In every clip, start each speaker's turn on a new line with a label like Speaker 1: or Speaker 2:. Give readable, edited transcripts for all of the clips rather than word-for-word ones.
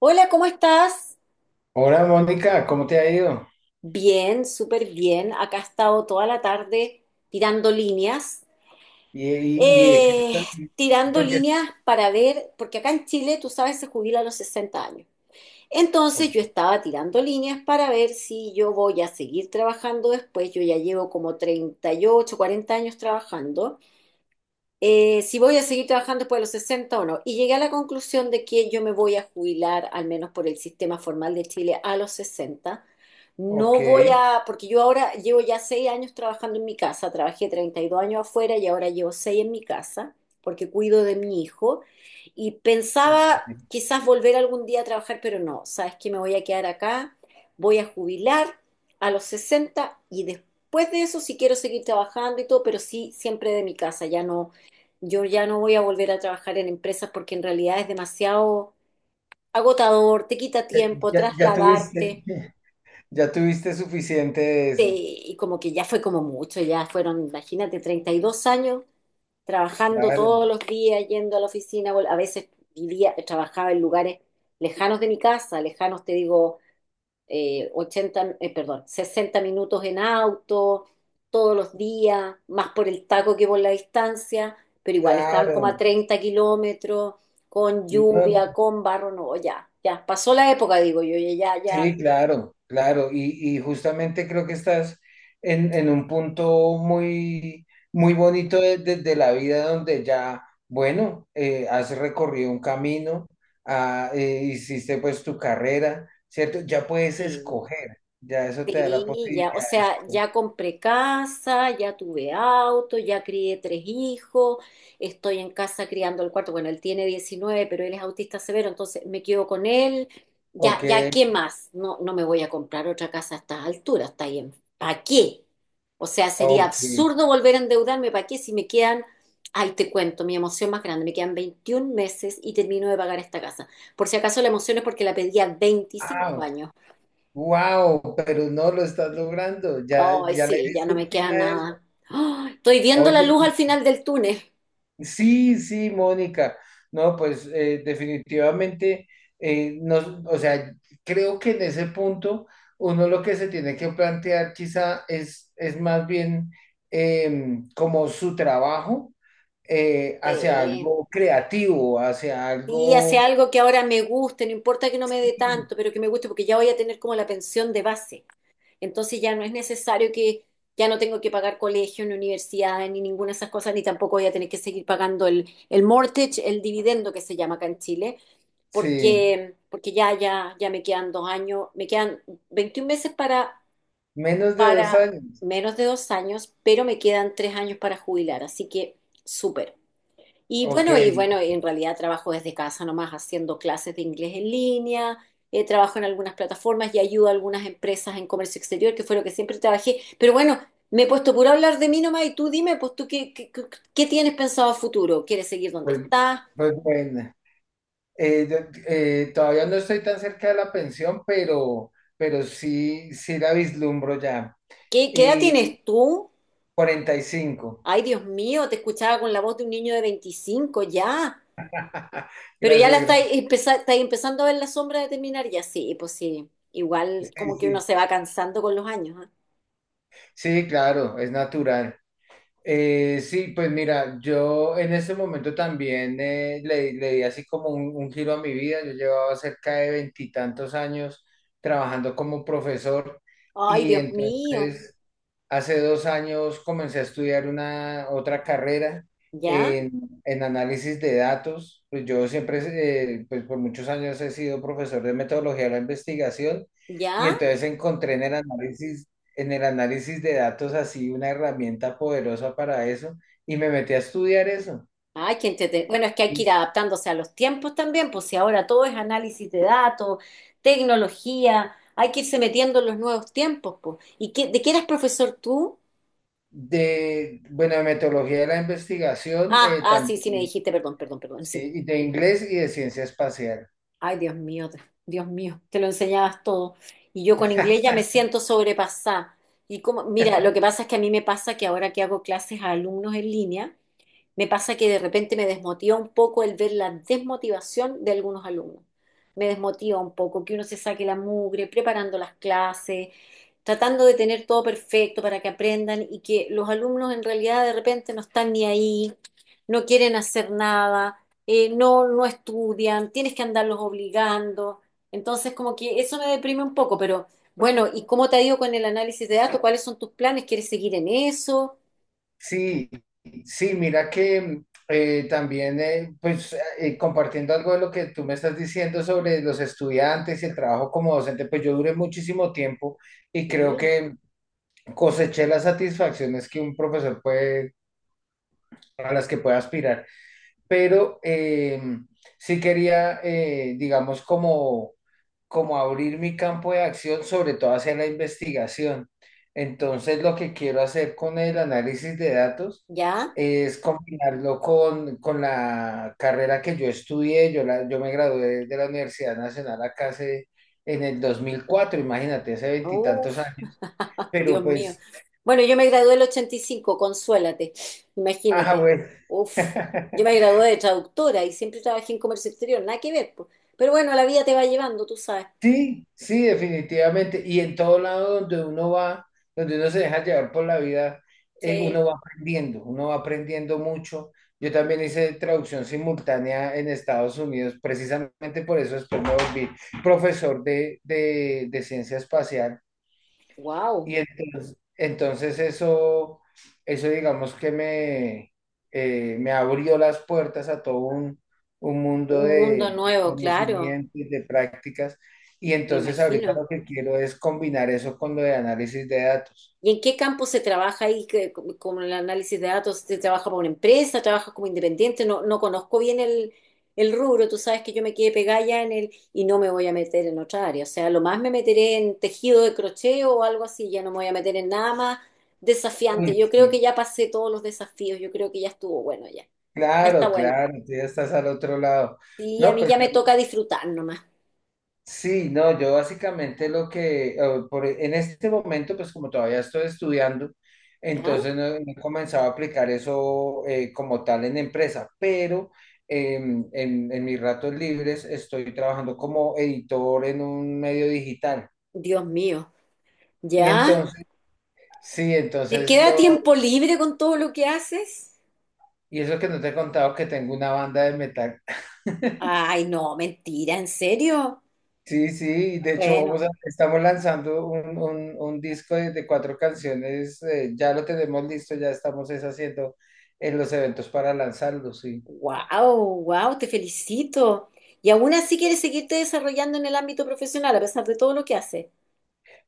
Speaker 1: Hola, ¿cómo estás?
Speaker 2: Hola Mónica, ¿cómo te ha ido?
Speaker 1: Bien, súper bien. Acá he estado toda la tarde tirando líneas.
Speaker 2: ¿Y de qué
Speaker 1: Eh,
Speaker 2: estás?
Speaker 1: tirando
Speaker 2: Porque,
Speaker 1: líneas para ver, porque acá en Chile, tú sabes, se jubila a los 60 años. Entonces yo estaba tirando líneas para ver si yo voy a seguir trabajando después. Yo ya llevo como treinta, y ocho, cuarenta años trabajando. Si voy a seguir trabajando después de los 60 o no. Y llegué a la conclusión de que yo me voy a jubilar, al menos por el sistema formal de Chile, a los 60.
Speaker 2: ok,
Speaker 1: No voy a, porque yo ahora llevo ya 6 años trabajando en mi casa, trabajé 32 años afuera y ahora llevo 6 en mi casa, porque cuido de mi hijo. Y pensaba
Speaker 2: ok.
Speaker 1: quizás volver algún día a trabajar, pero no, sabes que me voy a quedar acá, voy a jubilar a los 60 y después de eso si quiero seguir trabajando y todo, pero sí siempre de mi casa, yo ya no voy a volver a trabajar en empresas porque en realidad es demasiado agotador, te quita
Speaker 2: Ya,
Speaker 1: tiempo,
Speaker 2: ya tuviste,
Speaker 1: trasladarte,
Speaker 2: ya tuviste suficiente de eso.
Speaker 1: y como que ya fue como mucho, ya fueron, imagínate, 32 años trabajando
Speaker 2: Claro,
Speaker 1: todos los días, yendo a la oficina, a veces vivía, trabajaba en lugares lejanos de mi casa, lejanos te digo, 80, perdón, 60 minutos en auto, todos los días, más por el taco que por la distancia, pero igual estaban como a
Speaker 2: claro.
Speaker 1: 30 kilómetros, con
Speaker 2: No,
Speaker 1: lluvia, con barro, no, ya, ya, pasó la época, digo yo, ya, ya,
Speaker 2: sí,
Speaker 1: ya.
Speaker 2: claro, claro. Y justamente creo que estás en un punto muy, muy bonito de la vida donde ya, bueno, has recorrido un camino, hiciste pues tu carrera, ¿cierto? Ya puedes
Speaker 1: eh,
Speaker 2: escoger, ya eso te da la
Speaker 1: Sí, ya, o
Speaker 2: posibilidad de
Speaker 1: sea, ya
Speaker 2: escoger.
Speaker 1: compré casa, ya tuve auto, ya crié tres hijos, estoy en casa criando el cuarto. Bueno, él tiene 19, pero él es autista severo, entonces me quedo con él. Ya,
Speaker 2: Ok,
Speaker 1: ya, ¿qué más? No, no me voy a comprar otra casa a estas alturas, está bien. ¿Para qué? O sea, sería
Speaker 2: ok.
Speaker 1: absurdo volver a endeudarme, ¿para qué? Si me quedan, ahí te cuento, mi emoción más grande, me quedan 21 meses y termino de pagar esta casa. Por si acaso la emoción es porque la pedí a veinticinco
Speaker 2: Wow,
Speaker 1: años.
Speaker 2: wow, pero no lo estás logrando, ya,
Speaker 1: Ay,
Speaker 2: ya le
Speaker 1: sí, ya
Speaker 2: diste
Speaker 1: no
Speaker 2: el
Speaker 1: me
Speaker 2: fin
Speaker 1: queda
Speaker 2: a eso.
Speaker 1: nada. ¡Ah! Estoy viendo la
Speaker 2: Oye,
Speaker 1: luz al final del túnel.
Speaker 2: sí, sí, Mónica. No, pues definitivamente, o sea, creo que en ese punto uno lo que se tiene que plantear quizá es más bien como su trabajo hacia
Speaker 1: Sí.
Speaker 2: algo creativo, hacia
Speaker 1: Sí, hace
Speaker 2: algo,
Speaker 1: algo que ahora me guste, no importa que no me dé tanto, pero que me guste porque ya voy a tener como la pensión de base. Entonces ya no es necesario que, ya no tengo que pagar colegio, ni universidad, ni ninguna de esas cosas, ni tampoco voy a tener que seguir pagando el, mortgage, el dividendo que se llama acá en Chile,
Speaker 2: sí,
Speaker 1: porque ya, ya, ya me quedan 2 años, me quedan 21 meses para
Speaker 2: menos de dos
Speaker 1: para
Speaker 2: años.
Speaker 1: menos de 2 años, pero me quedan 3 años para jubilar, así que súper.
Speaker 2: Ok,
Speaker 1: Y bueno, en realidad trabajo desde casa nomás haciendo clases de inglés en línea. Trabajo en algunas plataformas y ayudo a algunas empresas en comercio exterior, que fue lo que siempre trabajé. Pero bueno, me he puesto puro a hablar de mí nomás y tú dime, pues tú, ¿qué tienes pensado a futuro? ¿Quieres seguir donde
Speaker 2: pues,
Speaker 1: estás?
Speaker 2: pues bueno. Eh, de- Todavía no estoy tan cerca de la pensión, pero sí, sí la vislumbro ya.
Speaker 1: ¿Qué, qué edad
Speaker 2: Y
Speaker 1: tienes tú?
Speaker 2: 45.
Speaker 1: Ay, Dios mío, te escuchaba con la voz de un niño de 25 ya. Pero ya
Speaker 2: Gracias,
Speaker 1: la
Speaker 2: gracias.
Speaker 1: estáis empezando a ver la sombra de terminar ya, sí, pues sí. Igual
Speaker 2: Sí,
Speaker 1: como que uno
Speaker 2: sí.
Speaker 1: se va cansando con los años, ¿ah?
Speaker 2: Sí, claro, es natural. Sí, pues mira, yo en este momento también le di así como un giro a mi vida. Yo llevaba cerca de veintitantos años trabajando como profesor
Speaker 1: Ay,
Speaker 2: y
Speaker 1: Dios mío.
Speaker 2: entonces, hace 2 años, comencé a estudiar una otra carrera
Speaker 1: ¿Ya?
Speaker 2: en, en análisis de datos. Pues yo siempre, pues por muchos años he sido profesor de metodología de la investigación y
Speaker 1: ¿Ya?
Speaker 2: entonces encontré en el análisis de datos así una herramienta poderosa para eso y me metí a estudiar eso.
Speaker 1: Ay, bueno, es que hay que
Speaker 2: Y
Speaker 1: ir adaptándose a los tiempos también, pues si ahora todo es análisis de datos, tecnología, hay que irse metiendo en los nuevos tiempos, pues. ¿Y qué, de qué eras profesor tú?
Speaker 2: de, bueno, de metodología de la investigación,
Speaker 1: Ah, ah,
Speaker 2: también,
Speaker 1: sí, sí, me dijiste, perdón, perdón, perdón,
Speaker 2: sí,
Speaker 1: sí.
Speaker 2: y de inglés y de ciencia espacial.
Speaker 1: Ay, Dios mío, Dios mío, te lo enseñabas todo. Y yo con inglés ya me siento sobrepasada. Y como, mira, lo que pasa es que a mí me pasa que ahora que hago clases a alumnos en línea, me pasa que de repente me desmotiva un poco el ver la desmotivación de algunos alumnos. Me desmotiva un poco que uno se saque la mugre preparando las clases, tratando de tener todo perfecto para que aprendan y que los alumnos en realidad de repente no están ni ahí, no quieren hacer nada, no, no estudian, tienes que andarlos obligando. Entonces como que eso me deprime un poco, pero bueno, ¿y cómo te ha ido con el análisis de datos? ¿Cuáles son tus planes? ¿Quieres seguir en eso?
Speaker 2: Sí, sí, mira que también, pues compartiendo algo de lo que tú me estás diciendo sobre los estudiantes y el trabajo como docente, pues yo duré muchísimo tiempo y creo
Speaker 1: Sí.
Speaker 2: que coseché las satisfacciones que un profesor puede, a las que puede aspirar, pero sí quería, digamos, como abrir mi campo de acción, sobre todo hacia la investigación. Entonces, lo que quiero hacer con el análisis de datos
Speaker 1: ¿Ya?
Speaker 2: es combinarlo con la carrera que yo estudié. Yo me gradué de la Universidad Nacional acá en el 2004, imagínate, hace veintitantos
Speaker 1: Uf,
Speaker 2: años. Pero
Speaker 1: Dios mío.
Speaker 2: pues,
Speaker 1: Bueno, yo me gradué el 85. Consuélate,
Speaker 2: ah,
Speaker 1: imagínate.
Speaker 2: bueno.
Speaker 1: Uf, yo me gradué de traductora y siempre trabajé en comercio exterior, nada que ver, po. Pero bueno, la vida te va llevando, tú sabes.
Speaker 2: Sí, sí, definitivamente. Y en todo lado donde uno va, donde uno se deja llevar por la vida,
Speaker 1: Sí,
Speaker 2: uno va aprendiendo mucho. Yo también hice traducción simultánea en Estados Unidos, precisamente por eso después me volví profesor de ciencia espacial
Speaker 1: wow,
Speaker 2: y entonces eso digamos que me abrió las puertas a todo un mundo
Speaker 1: un mundo
Speaker 2: de
Speaker 1: nuevo, claro,
Speaker 2: conocimientos, de prácticas. Y
Speaker 1: me
Speaker 2: entonces ahorita
Speaker 1: imagino.
Speaker 2: lo que quiero es combinar eso con lo de análisis de datos.
Speaker 1: ¿Y en qué campo se trabaja ahí con el análisis de datos? ¿Se trabaja para una empresa? ¿Trabajas como independiente? No, no conozco bien el rubro. Tú sabes que yo me quedé pegada ya en el y no me voy a meter en otra área. O sea, lo más me meteré en tejido de crochet o algo así. Ya no me voy a meter en nada más
Speaker 2: Uy,
Speaker 1: desafiante. Yo creo que
Speaker 2: sí,
Speaker 1: ya pasé todos los desafíos. Yo creo que ya estuvo bueno ya. Ya está
Speaker 2: claro,
Speaker 1: bueno.
Speaker 2: claro, tú ya estás al otro lado.
Speaker 1: Sí, a
Speaker 2: No,
Speaker 1: mí
Speaker 2: pero
Speaker 1: ya me toca disfrutar nomás.
Speaker 2: sí, no, yo básicamente lo que, por- e, en este momento, pues como todavía estoy estudiando,
Speaker 1: ¿Ya?
Speaker 2: entonces no he comenzado a aplicar eso como tal en empresa, pero en mis ratos libres estoy trabajando como editor en un medio digital.
Speaker 1: Dios mío.
Speaker 2: Y
Speaker 1: ¿Ya?
Speaker 2: entonces, sí,
Speaker 1: ¿Te queda tiempo libre con todo lo que haces?
Speaker 2: y eso que no te he contado que tengo una banda de metal.
Speaker 1: Ay, no, mentira, ¿en serio?
Speaker 2: Sí, sí, de hecho
Speaker 1: Bueno,
Speaker 2: estamos lanzando un disco de cuatro canciones, ya lo tenemos listo, ya estamos es haciendo en los eventos para lanzarlo, sí.
Speaker 1: wow, wow, te felicito. Y aún así quieres seguirte desarrollando en el ámbito profesional a pesar de todo lo que haces.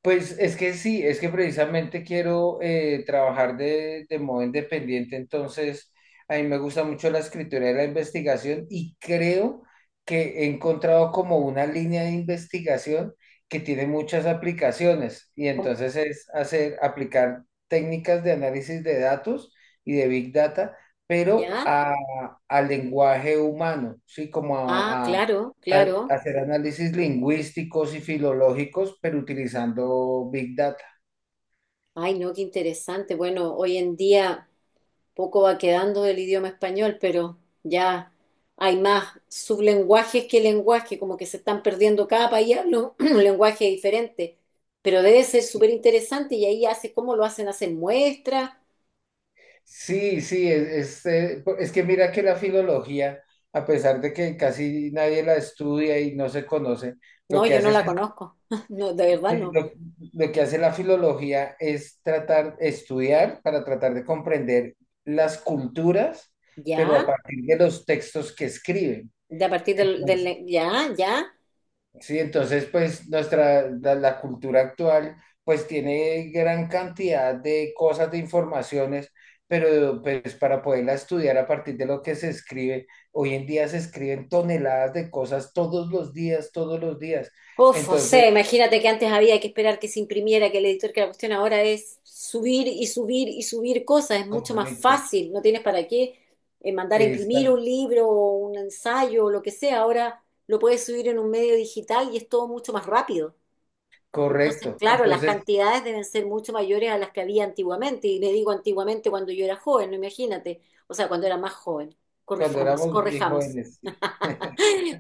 Speaker 2: Pues es que sí, es que precisamente quiero trabajar de modo independiente, entonces a mí me gusta mucho la escritura y la investigación y creo que he encontrado como una línea de investigación que tiene muchas aplicaciones y
Speaker 1: ¿Cómo?
Speaker 2: entonces es hacer, aplicar técnicas de análisis de datos y de big data, pero
Speaker 1: ¿Ya?
Speaker 2: al lenguaje humano, sí, como
Speaker 1: Ah, claro, claro.
Speaker 2: hacer análisis lingüísticos y filológicos, pero utilizando Big Data.
Speaker 1: Ay, no, qué interesante. Bueno, hoy en día poco va quedando del idioma español, pero ya hay más sublenguajes que lenguaje, como que se están perdiendo cada país, habla un un lenguaje diferente. Pero debe ser súper interesante y ahí hace cómo lo hacen, hacen muestras.
Speaker 2: Sí, sí, es que mira que la filología, a pesar de que casi nadie la estudia y no se conoce, lo
Speaker 1: No,
Speaker 2: que
Speaker 1: yo no
Speaker 2: hace es,
Speaker 1: la conozco. No, de verdad
Speaker 2: eh,
Speaker 1: no.
Speaker 2: lo, lo que hace la filología es estudiar para tratar de comprender las culturas, pero a
Speaker 1: ¿Ya?
Speaker 2: partir de los textos que escriben.
Speaker 1: De, a partir del. ¿Ya? ¿Ya?
Speaker 2: Sí, entonces pues la cultura actual pues tiene gran cantidad de cosas, de informaciones, pero pues para poderla estudiar a partir de lo que se escribe, hoy en día se escriben toneladas de cosas todos los días, todos los días.
Speaker 1: Uf, o sea,
Speaker 2: Entonces,
Speaker 1: imagínate que antes había que esperar que se imprimiera, que el editor, que la cuestión ahora es subir y subir y subir cosas. Es mucho más
Speaker 2: correcto,
Speaker 1: fácil. No tienes para qué mandar a imprimir
Speaker 2: está
Speaker 1: un libro o un ensayo o lo que sea. Ahora lo puedes subir en un medio digital y es todo mucho más rápido. Entonces,
Speaker 2: correcto.
Speaker 1: claro, las
Speaker 2: Entonces,
Speaker 1: cantidades deben ser mucho mayores a las que había antiguamente. Y le digo antiguamente cuando yo era joven, no, imagínate. O sea, cuando era más joven.
Speaker 2: cuando
Speaker 1: Corrijamos,
Speaker 2: éramos bien
Speaker 1: corrijamos.
Speaker 2: jóvenes, sí,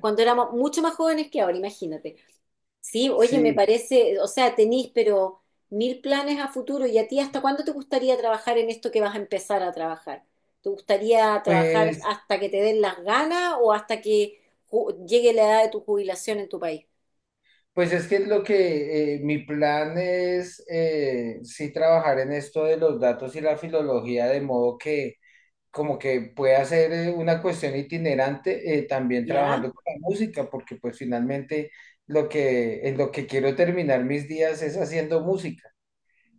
Speaker 1: Cuando éramos mucho más jóvenes que ahora, imagínate. Sí, oye, me
Speaker 2: sí,
Speaker 1: parece, o sea, tenís, pero mil planes a futuro. ¿Y a ti hasta cuándo te gustaría trabajar en esto que vas a empezar a trabajar? ¿Te gustaría trabajar
Speaker 2: pues
Speaker 1: hasta que te den las ganas o hasta que llegue la edad de tu jubilación en tu país?
Speaker 2: Pues es que es lo que mi plan es, sí trabajar en esto de los datos y la filología, de modo que como que pueda ser una cuestión itinerante, también
Speaker 1: ¿Ya?
Speaker 2: trabajando con la música, porque pues finalmente en lo que quiero terminar mis días es haciendo música.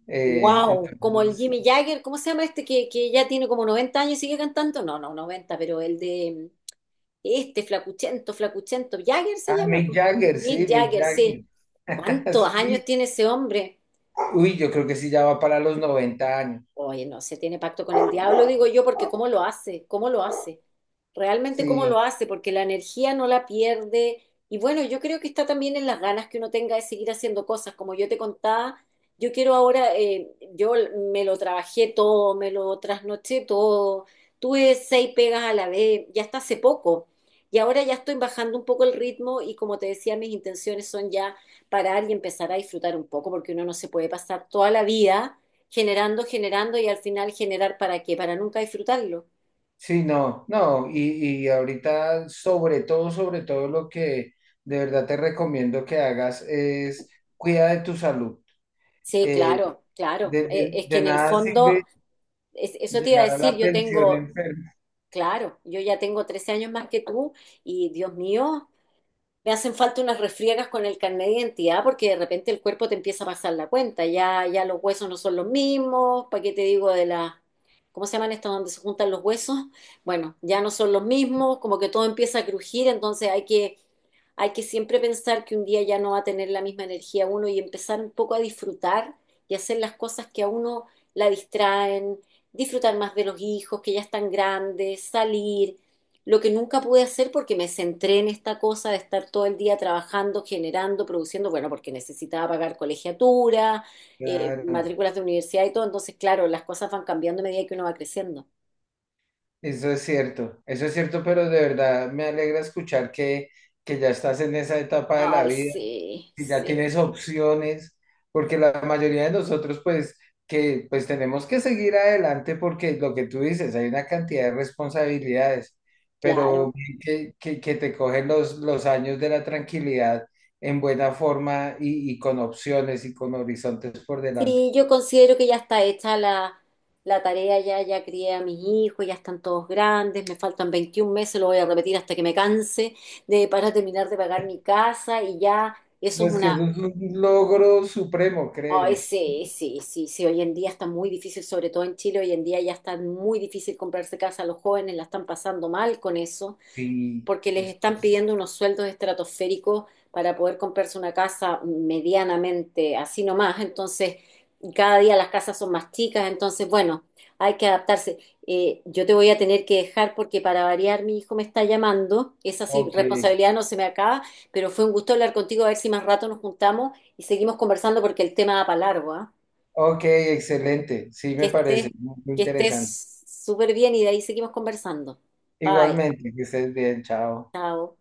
Speaker 1: Wow, como el
Speaker 2: Entonces,
Speaker 1: Jimmy Jagger, ¿cómo se llama este que ya tiene como 90 años y sigue cantando? No, no, 90, pero el de este flacuchento, flacuchento, Jagger se
Speaker 2: ah,
Speaker 1: llama,
Speaker 2: Mick
Speaker 1: po.
Speaker 2: Jagger, sí,
Speaker 1: Mick
Speaker 2: Mick
Speaker 1: Jagger, sí.
Speaker 2: Jagger,
Speaker 1: ¿Cuántos
Speaker 2: sí.
Speaker 1: años tiene ese hombre?
Speaker 2: Uy, yo creo que sí ya va para los 90 años,
Speaker 1: Oye, no se tiene pacto con el diablo, digo yo, porque ¿cómo lo hace? ¿Cómo lo hace? Realmente cómo lo
Speaker 2: sí.
Speaker 1: hace, porque la energía no la pierde. Y bueno, yo creo que está también en las ganas que uno tenga de seguir haciendo cosas. Como yo te contaba, yo quiero ahora, yo me lo trabajé todo, me lo trasnoché todo, tuve seis pegas a la vez, ya hasta hace poco. Y ahora ya estoy bajando un poco el ritmo y como te decía, mis intenciones son ya parar y empezar a disfrutar un poco, porque uno no se puede pasar toda la vida generando, generando y al final generar para qué, para nunca disfrutarlo.
Speaker 2: Sí, no, no, y ahorita sobre todo lo que de verdad te recomiendo que hagas es cuida de tu salud.
Speaker 1: Sí,
Speaker 2: Eh,
Speaker 1: claro, claro.
Speaker 2: de,
Speaker 1: Eh,
Speaker 2: de-
Speaker 1: es que
Speaker 2: de
Speaker 1: en el
Speaker 2: nada
Speaker 1: fondo,
Speaker 2: sirve
Speaker 1: eso te iba a
Speaker 2: llegar a
Speaker 1: decir,
Speaker 2: la
Speaker 1: yo
Speaker 2: pensión
Speaker 1: tengo,
Speaker 2: enfermo.
Speaker 1: claro, yo ya tengo 13 años más que tú y Dios mío, me hacen falta unas refriegas con el carnet de identidad porque de repente el cuerpo te empieza a pasar la cuenta, ya, ya los huesos no son los mismos, ¿para qué te digo de la... ¿Cómo se llaman estas donde se juntan los huesos? Bueno, ya no son los mismos, como que todo empieza a crujir, entonces hay que, siempre pensar que un día ya no va a tener la misma energía uno y empezar un poco a disfrutar y hacer las cosas que a uno la distraen, disfrutar más de los hijos que ya están grandes, salir, lo que nunca pude hacer porque me centré en esta cosa de estar todo el día trabajando, generando, produciendo, bueno, porque necesitaba pagar colegiatura,
Speaker 2: Claro,
Speaker 1: matrículas de universidad y todo, entonces claro, las cosas van cambiando a medida que uno va creciendo.
Speaker 2: eso es cierto, pero de verdad me alegra escuchar que ya estás en esa etapa de la
Speaker 1: Ay,
Speaker 2: vida.
Speaker 1: sí,
Speaker 2: Si ya
Speaker 1: sí,
Speaker 2: tienes opciones, porque la mayoría de nosotros pues que pues tenemos que seguir adelante porque lo que tú dices, hay una cantidad de responsabilidades, pero
Speaker 1: claro.
Speaker 2: que te cogen los años de la tranquilidad en buena forma y con opciones y con horizontes por delante.
Speaker 1: Sí, yo considero que ya está hecha la tarea, ya, ya crié a mis hijos, ya están todos grandes, me faltan 21 meses, lo voy a repetir hasta que me canse de, para terminar de pagar mi casa y ya eso es
Speaker 2: Es que
Speaker 1: una.
Speaker 2: eso es un logro supremo,
Speaker 1: Ay,
Speaker 2: créeme.
Speaker 1: sí, sí, sí, sí, hoy en día está muy difícil, sobre todo en Chile, hoy en día ya está muy difícil comprarse casa, los jóvenes la están pasando mal con eso
Speaker 2: Sí,
Speaker 1: porque les están pidiendo unos sueldos estratosféricos para poder comprarse una casa medianamente así nomás. Entonces, cada día las casas son más chicas, entonces, bueno, hay que adaptarse. Yo te voy a tener que dejar porque para variar mi hijo me está llamando, esa sí,
Speaker 2: ok,
Speaker 1: responsabilidad no se me acaba, pero fue un gusto hablar contigo, a ver si más rato nos juntamos y seguimos conversando porque el tema da para largo, ¿ah?
Speaker 2: ok, excelente. Sí,
Speaker 1: Que
Speaker 2: me parece
Speaker 1: estés,
Speaker 2: muy
Speaker 1: que
Speaker 2: interesante.
Speaker 1: estés súper bien y de ahí seguimos conversando. Bye,
Speaker 2: Igualmente, que estés bien, chao.
Speaker 1: chao.